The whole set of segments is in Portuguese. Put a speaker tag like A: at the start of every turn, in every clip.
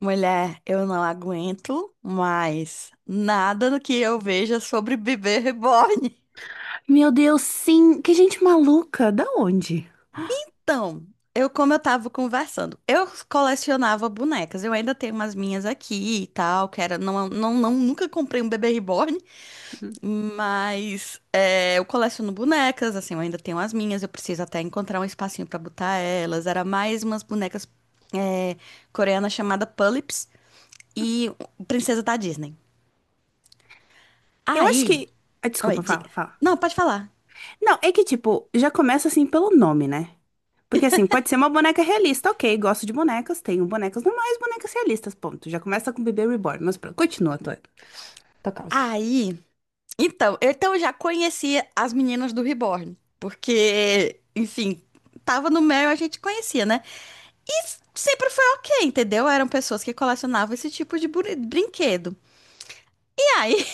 A: Mulher, eu não aguento mais nada do que eu veja sobre bebê reborn.
B: Meu Deus, sim. Que gente maluca. Da onde?
A: Então, como eu tava conversando, eu colecionava bonecas. Eu ainda tenho umas minhas aqui e tal, que era, não, não, não, nunca comprei um bebê reborn,
B: Hum.
A: mas eu coleciono bonecas, assim, eu ainda tenho as minhas, eu preciso até encontrar um espacinho pra botar elas. Era mais umas bonecas é, coreanas chamada Pullips e Princesa da Disney.
B: Eu acho
A: Aí,
B: que. Ah,
A: oi,
B: desculpa, fala,
A: diga.
B: fala.
A: Não, pode falar.
B: Não, é que, tipo, já começa assim pelo nome, né? Porque assim, pode ser uma boneca realista, ok, gosto de bonecas, tenho bonecas normais, bonecas realistas, ponto. Já começa com Bebê Reborn, mas pronto, continua a tua causa.
A: Aí, então eu já conhecia as meninas do Reborn, porque, enfim, tava no Mel e a gente conhecia, né? E sempre foi ok, entendeu? Eram pessoas que colecionavam esse tipo de brinquedo. E aí,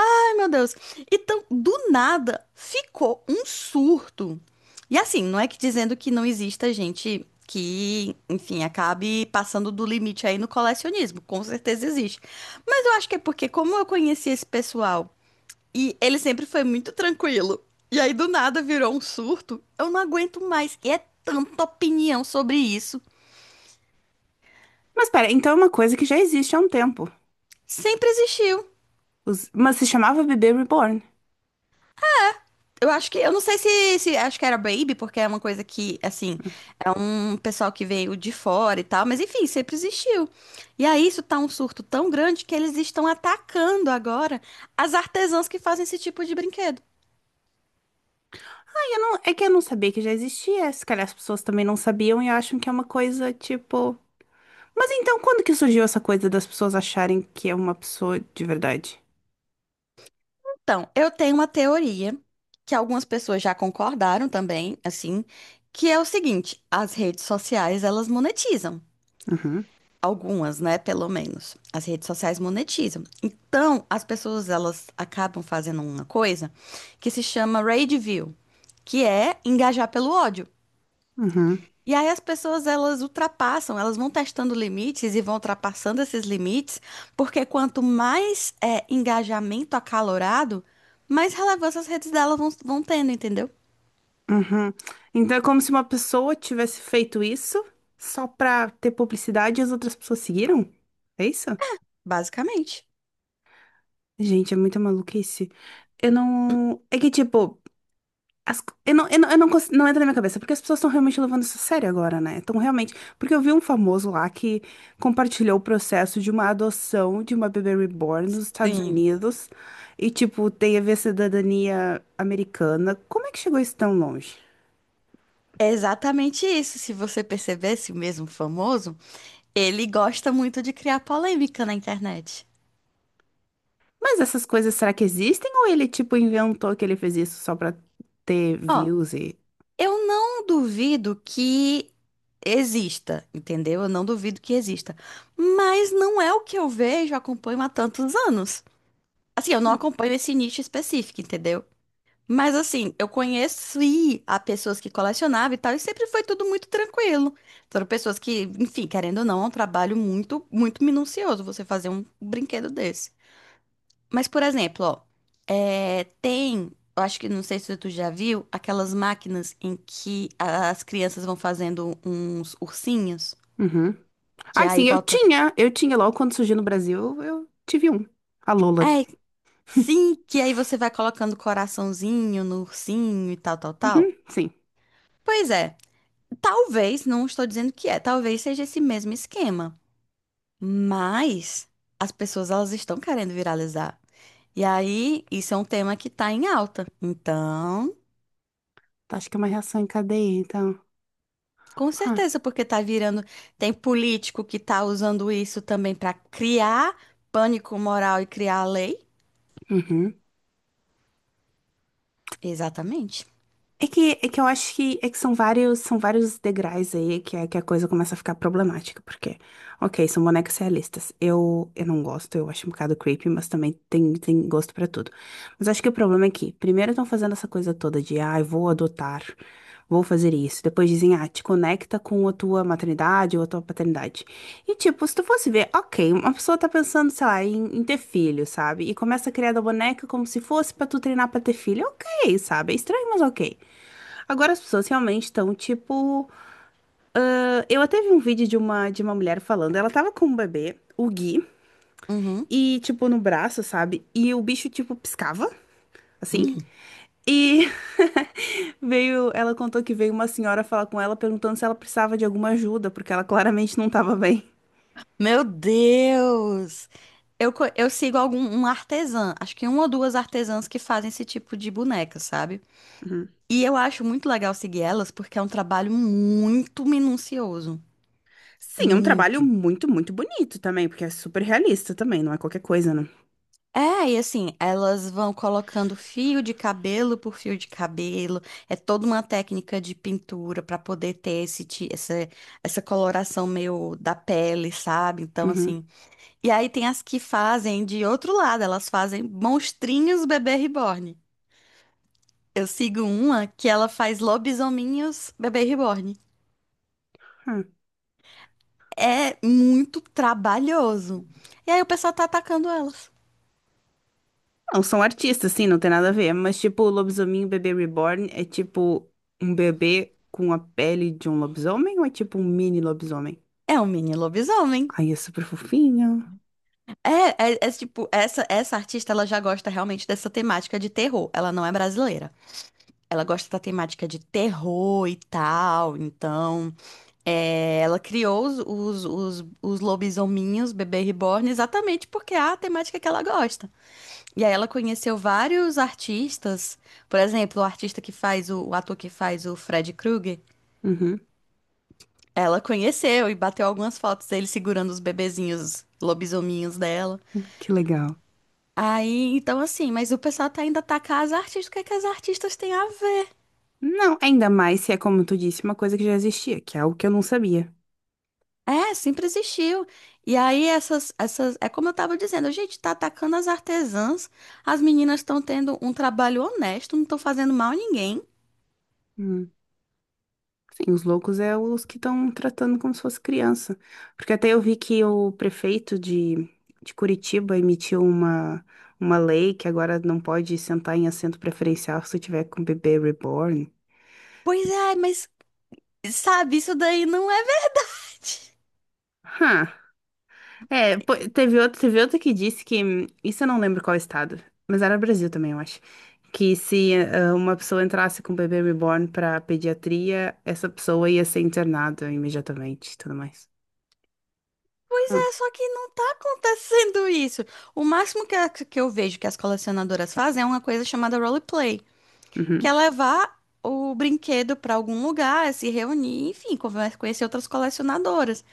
A: ai meu Deus, então do nada ficou um surto. E assim, não é que dizendo que não exista gente que, enfim, acabe passando do limite aí no colecionismo, com certeza existe. Mas eu acho que é porque, como eu conheci esse pessoal. E ele sempre foi muito tranquilo. E aí do nada virou um surto. Eu não aguento mais. E é tanta opinião sobre isso.
B: Mas pera, então é uma coisa que já existe há um tempo.
A: Sempre existiu.
B: Mas se chamava Bebê Reborn.
A: Eu acho que, eu não sei se acho que era Baby, porque é uma coisa que, assim, é um pessoal que veio de fora e tal, mas enfim, sempre existiu. E aí isso tá um surto tão grande que eles estão atacando agora as artesãs que fazem esse tipo de brinquedo.
B: Ah, eu não... É que eu não sabia que já existia, se calhar as pessoas também não sabiam e acham que é uma coisa, tipo. Mas então, quando que surgiu essa coisa das pessoas acharem que é uma pessoa de verdade?
A: Então, eu tenho uma teoria que algumas pessoas já concordaram também, assim, que é o seguinte: as redes sociais elas monetizam.
B: Uhum,
A: Algumas, né? Pelo menos. As redes sociais monetizam. Então, as pessoas elas acabam fazendo uma coisa que se chama rage view, que é engajar pelo ódio.
B: uhum,
A: E aí as pessoas elas ultrapassam, elas vão testando limites e vão ultrapassando esses limites, porque quanto mais é, engajamento acalorado, mais relevância as redes delas vão tendo, entendeu?
B: uhum. Então é como se uma pessoa tivesse feito isso só pra ter publicidade e as outras pessoas seguiram? É isso?
A: Basicamente.
B: Gente, é muita maluquice. Eu não. É que, tipo, eu não, eu não, eu não, cons- não entra na minha cabeça, porque as pessoas estão realmente levando isso a sério agora, né? Estão realmente. Porque eu vi um famoso lá que compartilhou o processo de uma adoção de uma bebê reborn nos Estados
A: Sim,
B: Unidos e, tipo, tem a ver cidadania americana. Como é que chegou isso tão longe?
A: é exatamente isso. Se você percebesse o mesmo famoso, ele gosta muito de criar polêmica na internet.
B: Mas essas coisas, será que existem? Ou ele, tipo, inventou que ele fez isso só pra ter
A: Ó,
B: views.
A: eu não duvido que exista, entendeu? Eu não duvido que exista. Mas não é o que eu vejo, acompanho há tantos anos. Assim, eu não acompanho esse nicho específico, entendeu? Mas assim, eu conheci a pessoas que colecionavam e tal, e sempre foi tudo muito tranquilo. Foram pessoas que, enfim, querendo ou não, é um trabalho muito, muito minucioso você fazer um brinquedo desse. Mas, por exemplo, ó, é, tem, eu acho que não sei se tu já viu, aquelas máquinas em que as crianças vão fazendo uns ursinhos,
B: Uhum.
A: que
B: Ai, sim,
A: aí bota.
B: eu tinha logo quando surgiu no Brasil, eu tive um. A Lola.
A: É, sim, que aí você vai colocando coraçãozinho no ursinho e tal, tal,
B: Uhum,
A: tal.
B: sim.
A: Pois é, talvez, não estou dizendo que é, talvez seja esse mesmo esquema. Mas as pessoas elas estão querendo viralizar. E aí, isso é um tema que tá em alta. Então,
B: Acho que é uma reação em cadeia, então.
A: com
B: Huh.
A: certeza, porque tá virando. Tem político que tá usando isso também para criar pânico moral e criar lei.
B: Uhum.
A: Exatamente.
B: É que eu acho que, é que são vários degraus aí que a coisa começa a ficar problemática, porque, ok, são bonecas realistas. Eu não gosto, eu acho um bocado creepy, mas também tem gosto pra tudo. Mas acho que o problema é que, primeiro estão fazendo essa coisa toda de, ah, eu vou adotar, vou fazer isso. Depois dizem, ah, te conecta com a tua maternidade ou a tua paternidade. E, tipo, se tu fosse ver, ok, uma pessoa tá pensando, sei lá, em ter filho, sabe? E começa a criar da boneca como se fosse pra tu treinar pra ter filho, ok, sabe? É estranho, mas ok. Agora as pessoas realmente estão tipo. Ah, eu até vi um vídeo de de uma mulher falando. Ela tava com um bebê, o Gui,
A: Uhum.
B: e tipo no braço, sabe? E o bicho tipo piscava, assim.
A: Hum.
B: E veio. Ela contou que veio uma senhora falar com ela perguntando se ela precisava de alguma ajuda, porque ela claramente não tava bem.
A: Meu Deus! Eu sigo algum um artesã, acho que uma ou duas artesãs que fazem esse tipo de boneca, sabe?
B: Uhum.
A: E eu acho muito legal seguir elas porque é um trabalho muito minucioso.
B: Sim, é um trabalho
A: Muito.
B: muito bonito também, porque é super realista também, não é qualquer coisa, né?
A: É, e assim, elas vão colocando fio de cabelo por fio de cabelo. É toda uma técnica de pintura para poder ter esse, essa coloração meio da pele, sabe? Então,
B: Uhum.
A: assim. E aí tem as que fazem de outro lado, elas fazem monstrinhos bebê reborn. Eu sigo uma que ela faz lobisominhos bebê reborn.
B: É.
A: É muito trabalhoso. E aí o pessoal tá atacando elas.
B: Não, são artistas, sim, não tem nada a ver. Mas, tipo, o Lobisominho Bebê Reborn é tipo um bebê com a pele de um lobisomem ou é tipo um mini lobisomem?
A: É um mini lobisomem.
B: Ai, é super fofinho.
A: É, tipo, essa artista, ela já gosta realmente dessa temática de terror. Ela não é brasileira. Ela gosta da temática de terror e tal. Então, é, ela criou os lobisominhos, Bebê Reborn, exatamente porque é a temática que ela gosta. E aí ela conheceu vários artistas. Por exemplo, o artista que faz, o ator que faz o Fred Krueger.
B: Uhum,
A: Ela conheceu e bateu algumas fotos dele segurando os bebezinhos lobisominhos dela.
B: que legal.
A: Aí, então assim, mas o pessoal tá ainda atacar as artistas, o que é que as artistas têm a ver?
B: Não, ainda mais se é, como tu disse, uma coisa que já existia, que é algo que eu não sabia.
A: É, sempre existiu. E aí essas, é como eu tava dizendo, a gente tá atacando as artesãs, as meninas estão tendo um trabalho honesto, não estão fazendo mal a ninguém.
B: Hum. Sim, os loucos é os que estão tratando como se fosse criança. Porque até eu vi que o prefeito de Curitiba emitiu uma lei que agora não pode sentar em assento preferencial se tu tiver com bebê reborn.
A: Pois é, mas sabe, isso daí não é verdade.
B: Hã. É, pô, teve outro que disse que. Isso eu não lembro qual estado, mas era Brasil também, eu acho. Que se ah, uma pessoa entrasse com um bebê reborn pra pediatria, essa pessoa ia ser internada imediatamente e tudo mais.
A: Pois é, só que não tá acontecendo isso. O máximo que, que eu vejo que as colecionadoras fazem é uma coisa chamada roleplay, que é
B: Uhum.
A: levar o brinquedo para algum lugar, se reunir, enfim, conhecer outras colecionadoras.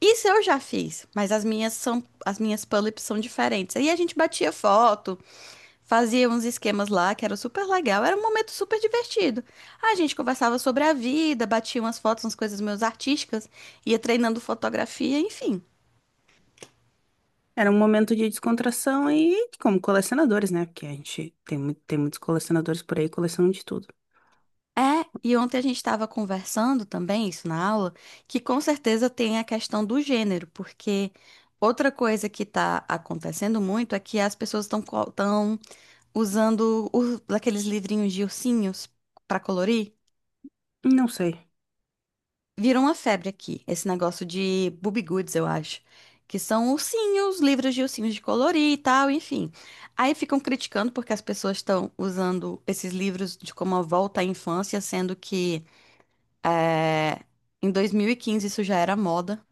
A: Isso eu já fiz, mas as minhas são, as minhas Pullips são diferentes. Aí a gente batia foto, fazia uns esquemas lá, que era super legal, era um momento super divertido. A gente conversava sobre a vida, batia umas fotos, umas coisas meus artísticas, ia treinando fotografia, enfim.
B: Era um momento de descontração e como colecionadores, né? Porque a gente tem, tem muitos colecionadores por aí, colecionam de tudo.
A: É, e ontem a gente estava conversando também, isso na aula, que com certeza tem a questão do gênero, porque outra coisa que está acontecendo muito é que as pessoas estão usando aqueles livrinhos de ursinhos para colorir.
B: Não sei.
A: Virou uma febre aqui, esse negócio de Boobie Goods, eu acho, que são ursinhos, livros de ursinhos de colorir e tal, enfim. Aí ficam criticando porque as pessoas estão usando esses livros de como a volta à infância, sendo que é, em 2015 isso já era moda.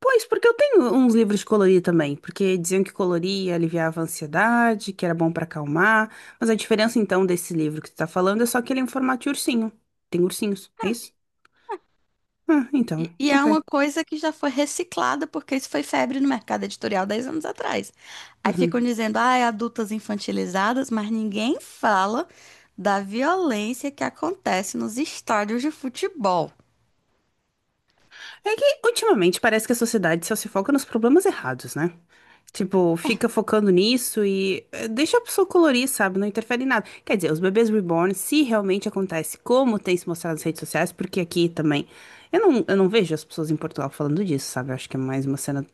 B: Pois, porque eu tenho uns livros de colorir também, porque diziam que colorir aliviava a ansiedade, que era bom pra acalmar, mas a diferença então desse livro que tu tá falando é só que ele é em formato de ursinho. Tem ursinhos, é isso? Ah, então,
A: E é
B: ok.
A: uma coisa que já foi reciclada, porque isso foi febre no mercado editorial 10 anos atrás. Aí ficam
B: Uhum.
A: dizendo, ah, é adultas infantilizadas, mas ninguém fala da violência que acontece nos estádios de futebol.
B: É que ultimamente parece que a sociedade só se foca nos problemas errados, né? Tipo, fica focando nisso e deixa a pessoa colorir, sabe? Não interfere em nada. Quer dizer, os bebês reborn, se realmente acontece, como tem se mostrado nas redes sociais, porque aqui também. Eu não vejo as pessoas em Portugal falando disso, sabe? Eu acho que é mais uma cena.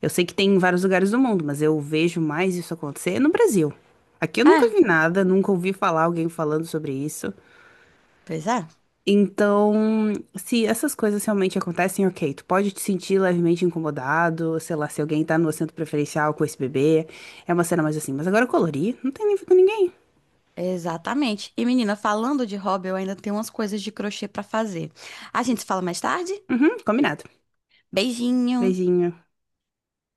B: Eu sei que tem em vários lugares do mundo, mas eu vejo mais isso acontecer no Brasil. Aqui eu nunca
A: Ah,
B: vi nada, nunca ouvi falar alguém falando sobre isso.
A: pois é.
B: Então, se essas coisas realmente acontecem, ok, tu pode te sentir levemente incomodado, sei lá, se alguém tá no assento preferencial com esse bebê, é uma cena mais assim, mas agora colorir, não tem nível com ninguém.
A: Exatamente. E menina, falando de hobby, eu ainda tenho umas coisas de crochê pra fazer. A gente se fala mais tarde?
B: Uhum, combinado.
A: Beijinho!
B: Beijinho.